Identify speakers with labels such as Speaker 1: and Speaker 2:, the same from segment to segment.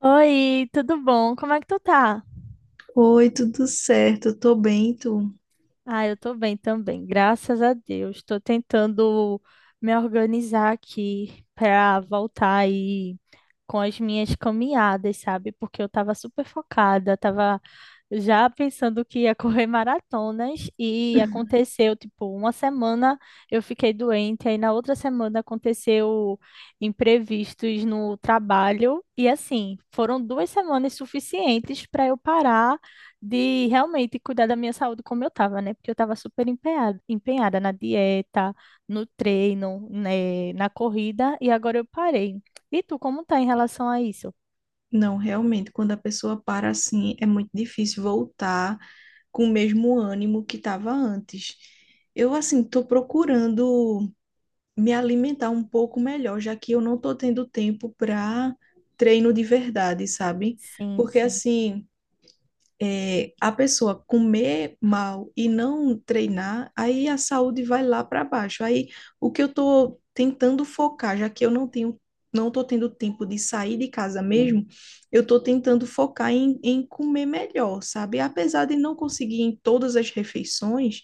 Speaker 1: Oi, tudo bom? Como é que tu tá?
Speaker 2: Oi, tudo certo? Eu tô bem, tu?
Speaker 1: Ah, eu tô bem também, graças a Deus. Tô tentando me organizar aqui pra voltar aí com as minhas caminhadas, sabe? Porque eu tava super focada, tava já pensando que ia correr maratonas e
Speaker 2: Uhum.
Speaker 1: aconteceu, tipo, uma semana eu fiquei doente, aí na outra semana aconteceu imprevistos no trabalho e assim, foram duas semanas suficientes para eu parar de realmente cuidar da minha saúde como eu estava, né? Porque eu estava super empenhada, empenhada na dieta, no treino, né, na corrida, e agora eu parei. E tu, como tá em relação a isso?
Speaker 2: Não, realmente, quando a pessoa para assim, é muito difícil voltar com o mesmo ânimo que estava antes. Eu, assim, tô procurando me alimentar um pouco melhor, já que eu não estou tendo tempo para treino de verdade, sabe?
Speaker 1: Sim,
Speaker 2: Porque
Speaker 1: sim.
Speaker 2: assim a pessoa comer mal e não treinar, aí a saúde vai lá para baixo. Aí o que eu estou tentando focar, já que eu não tenho, não estou tendo tempo de sair de casa mesmo, eu estou tentando focar em comer melhor, sabe? Apesar de não conseguir em todas as refeições,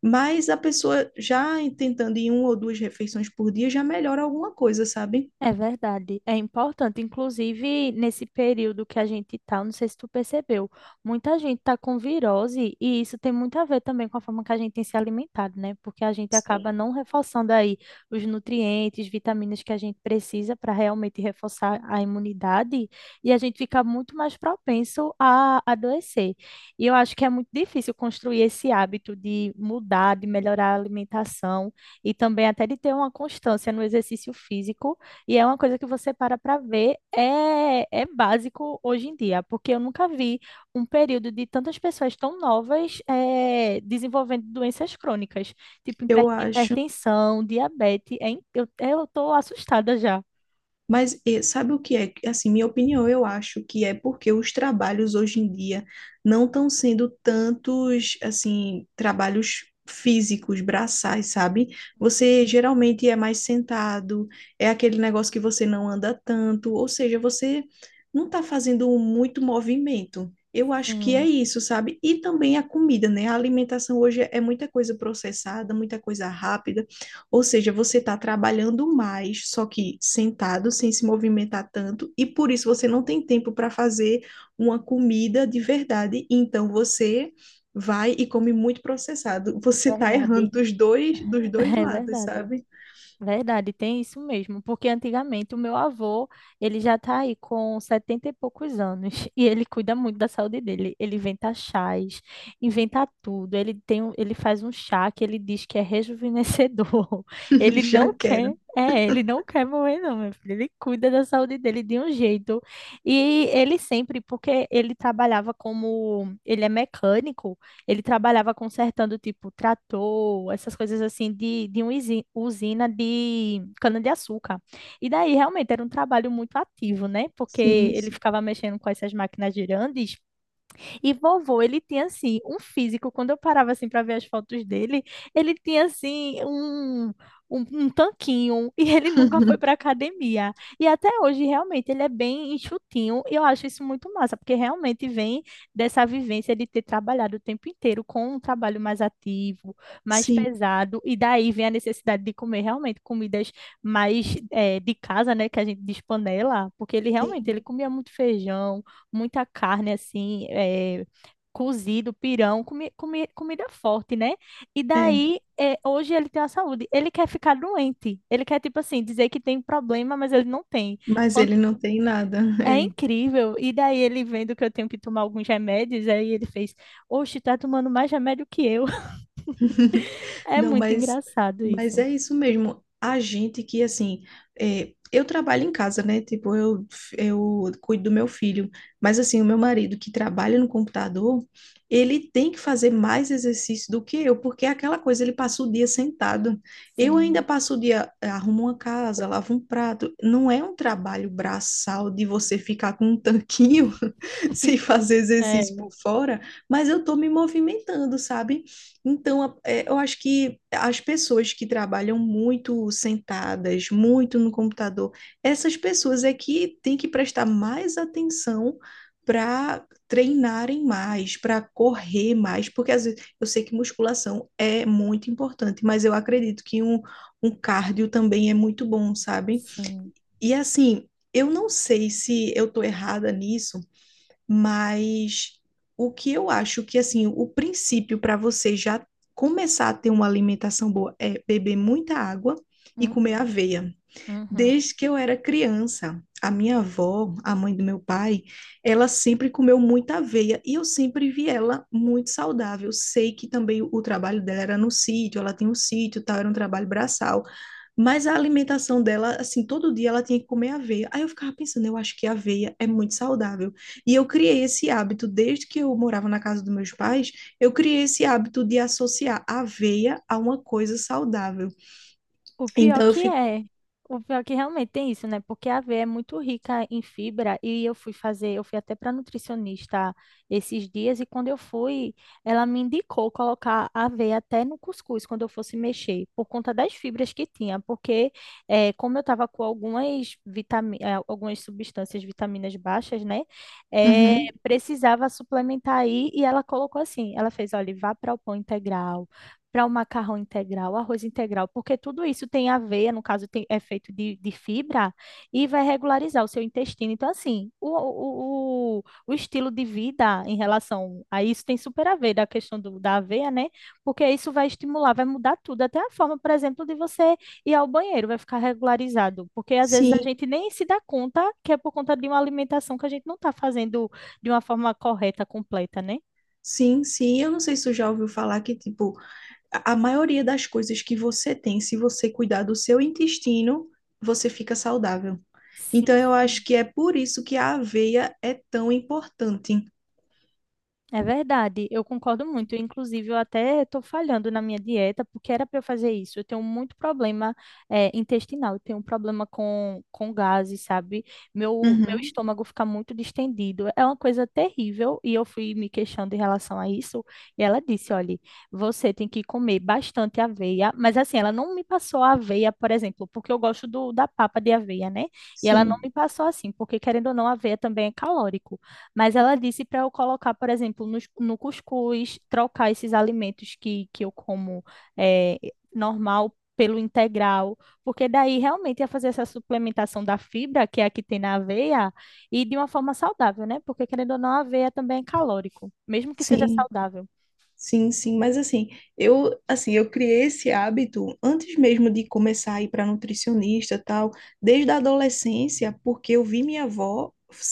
Speaker 2: mas a pessoa já tentando em uma ou duas refeições por dia já melhora alguma coisa, sabe?
Speaker 1: É verdade, é importante. Inclusive, nesse período que a gente tá, não sei se tu percebeu, muita gente tá com virose e isso tem muito a ver também com a forma que a gente tem se alimentado, né? Porque a gente
Speaker 2: Sim.
Speaker 1: acaba não reforçando aí os nutrientes, vitaminas que a gente precisa para realmente reforçar a imunidade e a gente fica muito mais propenso a adoecer. E eu acho que é muito difícil construir esse hábito de mudar, de melhorar a alimentação e também até de ter uma constância no exercício físico e é uma coisa que você para para ver, é básico hoje em dia, porque eu nunca vi um período de tantas pessoas tão novas desenvolvendo doenças crônicas, tipo
Speaker 2: Eu acho.
Speaker 1: hipertensão, diabetes. Eu tô assustada já.
Speaker 2: Mas sabe o que é? Assim, minha opinião, eu acho que é porque os trabalhos hoje em dia não estão sendo tantos, assim, trabalhos físicos, braçais, sabe? Você geralmente é mais sentado, é aquele negócio que você não anda tanto, ou seja, você não está fazendo muito movimento. Eu acho que é
Speaker 1: Sim,
Speaker 2: isso, sabe? E também a comida, né? A alimentação hoje é muita coisa processada, muita coisa rápida. Ou seja, você está trabalhando mais, só que sentado, sem se movimentar tanto, e por isso você não tem tempo para fazer uma comida de verdade. Então você vai e come muito processado. Você está errando
Speaker 1: verdade.
Speaker 2: dos dois
Speaker 1: É
Speaker 2: lados,
Speaker 1: verdade.
Speaker 2: sabe?
Speaker 1: Verdade, tem isso mesmo, porque antigamente o meu avô, ele já tá aí com 70 e poucos anos e ele cuida muito da saúde dele. Ele inventa chás, inventa tudo. Ele faz um chá que ele diz que é rejuvenescedor.
Speaker 2: Já quero.
Speaker 1: Ele não quer morrer não, meu filho. Ele cuida da saúde dele de um jeito. Porque ele trabalhava como, ele é mecânico, ele trabalhava consertando, tipo, trator, essas coisas assim, de uma usina de cana-de-açúcar. E daí, realmente, era um trabalho muito ativo, né? Porque
Speaker 2: Sim,
Speaker 1: ele
Speaker 2: sim,
Speaker 1: ficava mexendo com essas máquinas girantes e vovô, ele tinha assim, um físico, quando eu parava assim para ver as fotos dele, ele tinha assim um tanquinho, e ele nunca foi para academia. E até hoje, realmente, ele é bem enxutinho, e eu acho isso muito massa, porque realmente vem dessa vivência de ter trabalhado o tempo inteiro com um trabalho mais ativo, mais
Speaker 2: sim,
Speaker 1: pesado, e daí vem a necessidade de comer realmente comidas mais de casa, né, que a gente diz panela, porque ele realmente,
Speaker 2: sim,
Speaker 1: ele comia muito feijão, muita carne assim, é, cozido, pirão, comida forte, né? E
Speaker 2: é.
Speaker 1: daí, é, hoje ele tem a saúde. Ele quer ficar doente. Ele quer, tipo assim, dizer que tem problema, mas ele não tem.
Speaker 2: Mas
Speaker 1: Quando-
Speaker 2: ele não tem nada.
Speaker 1: É
Speaker 2: É.
Speaker 1: incrível. E daí ele vendo que eu tenho que tomar alguns remédios, aí ele fez, oxe, tá tomando mais remédio que eu. É
Speaker 2: Não,
Speaker 1: muito engraçado
Speaker 2: mas
Speaker 1: isso.
Speaker 2: é isso mesmo. A gente que, assim, eu trabalho em casa, né? Tipo, eu cuido do meu filho. Mas, assim, o meu marido que trabalha no computador, ele tem que fazer mais exercício do que eu, porque é aquela coisa, ele passa o dia sentado. Eu ainda
Speaker 1: Sim,
Speaker 2: passo o dia, arrumo uma casa, lavo um prato. Não é um trabalho braçal de você ficar com um tanquinho sem fazer
Speaker 1: é,
Speaker 2: exercício por fora, mas eu tô me movimentando, sabe? Então, é, eu acho que as pessoas que trabalham muito sentadas, muito no computador, essas pessoas é que têm que prestar mais atenção para treinarem mais, para correr mais, porque às vezes eu sei que musculação é muito importante, mas eu acredito que um cardio também é muito bom, sabe?
Speaker 1: sim.
Speaker 2: E assim, eu não sei se eu estou errada nisso. Mas o que eu acho que, assim, o princípio para você já começar a ter uma alimentação boa é beber muita água e comer
Speaker 1: Uhum,
Speaker 2: aveia.
Speaker 1: uhum.
Speaker 2: Desde que eu era criança, a minha avó, a mãe do meu pai, ela sempre comeu muita aveia e eu sempre vi ela muito saudável. Sei que também o trabalho dela era no sítio, ela tem um sítio, e tal, era um trabalho braçal. Mas a alimentação dela, assim, todo dia ela tinha que comer aveia. Aí eu ficava pensando, eu acho que aveia é muito saudável. E eu criei esse hábito, desde que eu morava na casa dos meus pais, eu criei esse hábito de associar aveia a uma coisa saudável.
Speaker 1: O pior
Speaker 2: Então eu
Speaker 1: que
Speaker 2: fico.
Speaker 1: é, o pior que realmente tem isso, né? Porque a aveia é muito rica em fibra e eu fui até para nutricionista esses dias e quando eu fui, ela me indicou colocar a aveia até no cuscuz quando eu fosse mexer, por conta das fibras que tinha, porque como eu estava com algumas substâncias, vitaminas baixas, né? eh,
Speaker 2: Uhum.
Speaker 1: precisava suplementar aí e ela colocou assim, ela fez, olha, vá para o pão integral para o macarrão integral, arroz integral, porque tudo isso tem aveia, no caso tem, é feito de fibra, e vai regularizar o seu intestino. Então, assim, o estilo de vida em relação a isso tem super a ver da questão do, da aveia, né? Porque isso vai estimular, vai mudar tudo, até a forma, por exemplo, de você ir ao banheiro, vai ficar regularizado, porque às vezes a
Speaker 2: Sim,
Speaker 1: gente nem se dá conta que é por conta de uma alimentação que a gente não está fazendo de uma forma correta, completa, né?
Speaker 2: sim, sim. Eu não sei se tu já ouviu falar que, tipo, a maioria das coisas que você tem, se você cuidar do seu intestino, você fica saudável. Então
Speaker 1: Sim.
Speaker 2: eu acho que é por isso que a aveia é tão importante.
Speaker 1: É verdade, eu concordo muito. Inclusive, eu até estou falhando na minha dieta, porque era para eu fazer isso. Eu tenho muito problema intestinal, eu tenho um problema com gases, sabe? Meu
Speaker 2: Uhum.
Speaker 1: estômago fica muito distendido. É uma coisa terrível, e eu fui me queixando em relação a isso. E ela disse: olha, você tem que comer bastante aveia, mas assim, ela não me passou a aveia, por exemplo, porque eu gosto do, da papa de aveia, né? E ela não me
Speaker 2: Sim,
Speaker 1: passou assim, porque querendo ou não, a aveia também é calórico. Mas ela disse para eu colocar, por exemplo, no, cuscuz, trocar esses alimentos que eu como eh, normal pelo integral, porque daí realmente ia fazer essa suplementação da fibra, que é a que tem na aveia, e de uma forma saudável, né? Porque querendo ou não, a aveia também é calórico, mesmo que seja
Speaker 2: sim,
Speaker 1: saudável.
Speaker 2: sim, sim. Mas assim, eu criei esse hábito antes mesmo de começar a ir para nutricionista, tal, desde a adolescência, porque eu vi minha avó,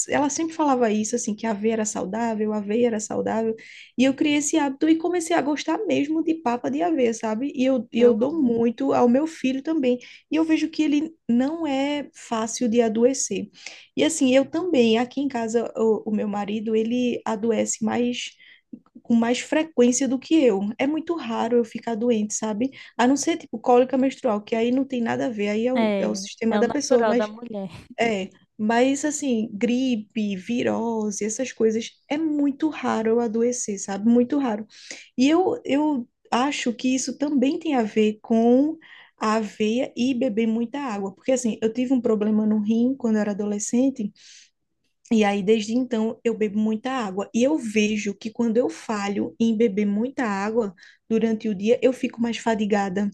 Speaker 2: ela sempre falava isso, assim, que a aveia era saudável, a aveia era saudável, e eu criei esse hábito e comecei a gostar mesmo de papa de aveia, sabe? E eu
Speaker 1: Eu
Speaker 2: dou
Speaker 1: amo.
Speaker 2: muito ao meu filho também, e eu vejo que ele não é fácil de adoecer. E assim, eu também, aqui em casa, o meu marido, ele adoece mais com mais frequência do que eu. É muito raro eu ficar doente, sabe? A não ser tipo cólica menstrual, que aí não tem nada a ver, aí é o
Speaker 1: É,
Speaker 2: sistema
Speaker 1: é o
Speaker 2: da pessoa,
Speaker 1: natural da
Speaker 2: mas
Speaker 1: mulher.
Speaker 2: é. Mas assim, gripe, virose, essas coisas, é muito raro eu adoecer, sabe? Muito raro. E eu acho que isso também tem a ver com a aveia e beber muita água, porque assim, eu tive um problema no rim quando eu era adolescente. E aí, desde então, eu bebo muita água. E eu vejo que quando eu falho em beber muita água durante o dia, eu fico mais fadigada.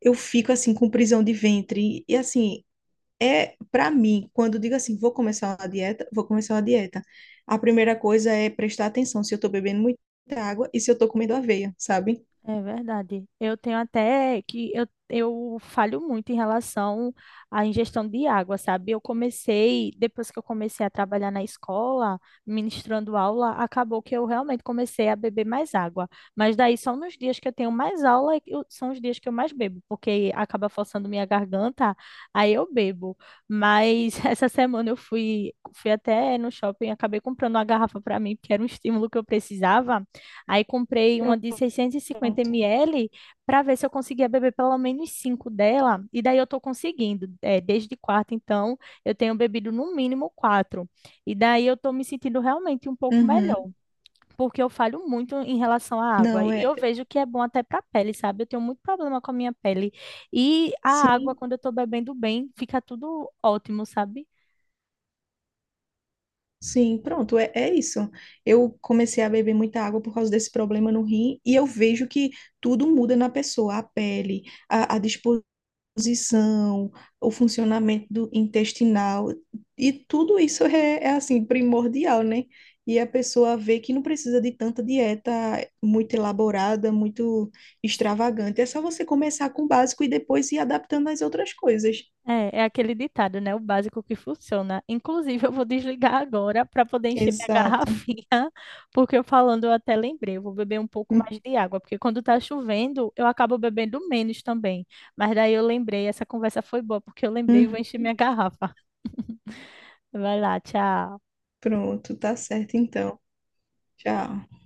Speaker 2: Eu fico, assim, com prisão de ventre. E, assim, é para mim, quando eu digo assim, vou começar uma dieta, vou começar uma dieta. A primeira coisa é prestar atenção se eu tô bebendo muita água e se eu tô comendo aveia, sabe?
Speaker 1: É verdade. Eu tenho até que eu falho muito em relação à ingestão de água, sabe? Eu comecei, depois que eu comecei a trabalhar na escola, ministrando aula, acabou que eu realmente comecei a beber mais água. Mas daí são nos dias que eu tenho mais aula, eu- são os dias que eu mais bebo, porque acaba forçando minha garganta, aí eu bebo. Mas essa semana fui até no shopping, acabei comprando uma garrafa para mim, porque era um estímulo que eu precisava. Aí comprei uma de 650
Speaker 2: Pronto.
Speaker 1: ml para ver se eu conseguia beber pelo menos 5 dela. E daí eu estou conseguindo. É, desde quarta, então, eu tenho bebido no mínimo quatro. E daí eu estou me sentindo realmente um pouco melhor,
Speaker 2: Uhum.
Speaker 1: porque eu falho muito em relação à água. E
Speaker 2: Não, é.
Speaker 1: eu vejo que é bom até para a pele, sabe? Eu tenho muito problema com a minha pele. E a água,
Speaker 2: Sim.
Speaker 1: quando eu estou bebendo bem, fica tudo ótimo, sabe?
Speaker 2: Sim, pronto, é isso. Eu comecei a beber muita água por causa desse problema no rim e eu vejo que tudo muda na pessoa, a pele, a disposição, o funcionamento do intestinal e tudo isso é assim primordial, né? E a pessoa vê que não precisa de tanta dieta muito elaborada, muito extravagante. É só você começar com o básico e depois ir adaptando às outras coisas.
Speaker 1: É, é aquele ditado, né? O básico que funciona. Inclusive, eu vou desligar agora para poder encher minha
Speaker 2: Exato.
Speaker 1: garrafinha, porque eu falando eu até lembrei, eu vou beber um pouco mais de água, porque quando tá chovendo, eu acabo bebendo menos também. Mas daí eu lembrei, essa conversa foi boa, porque eu lembrei e
Speaker 2: Uhum.
Speaker 1: vou encher minha garrafa. Vai lá, tchau.
Speaker 2: Pronto, tá certo então. Tchau.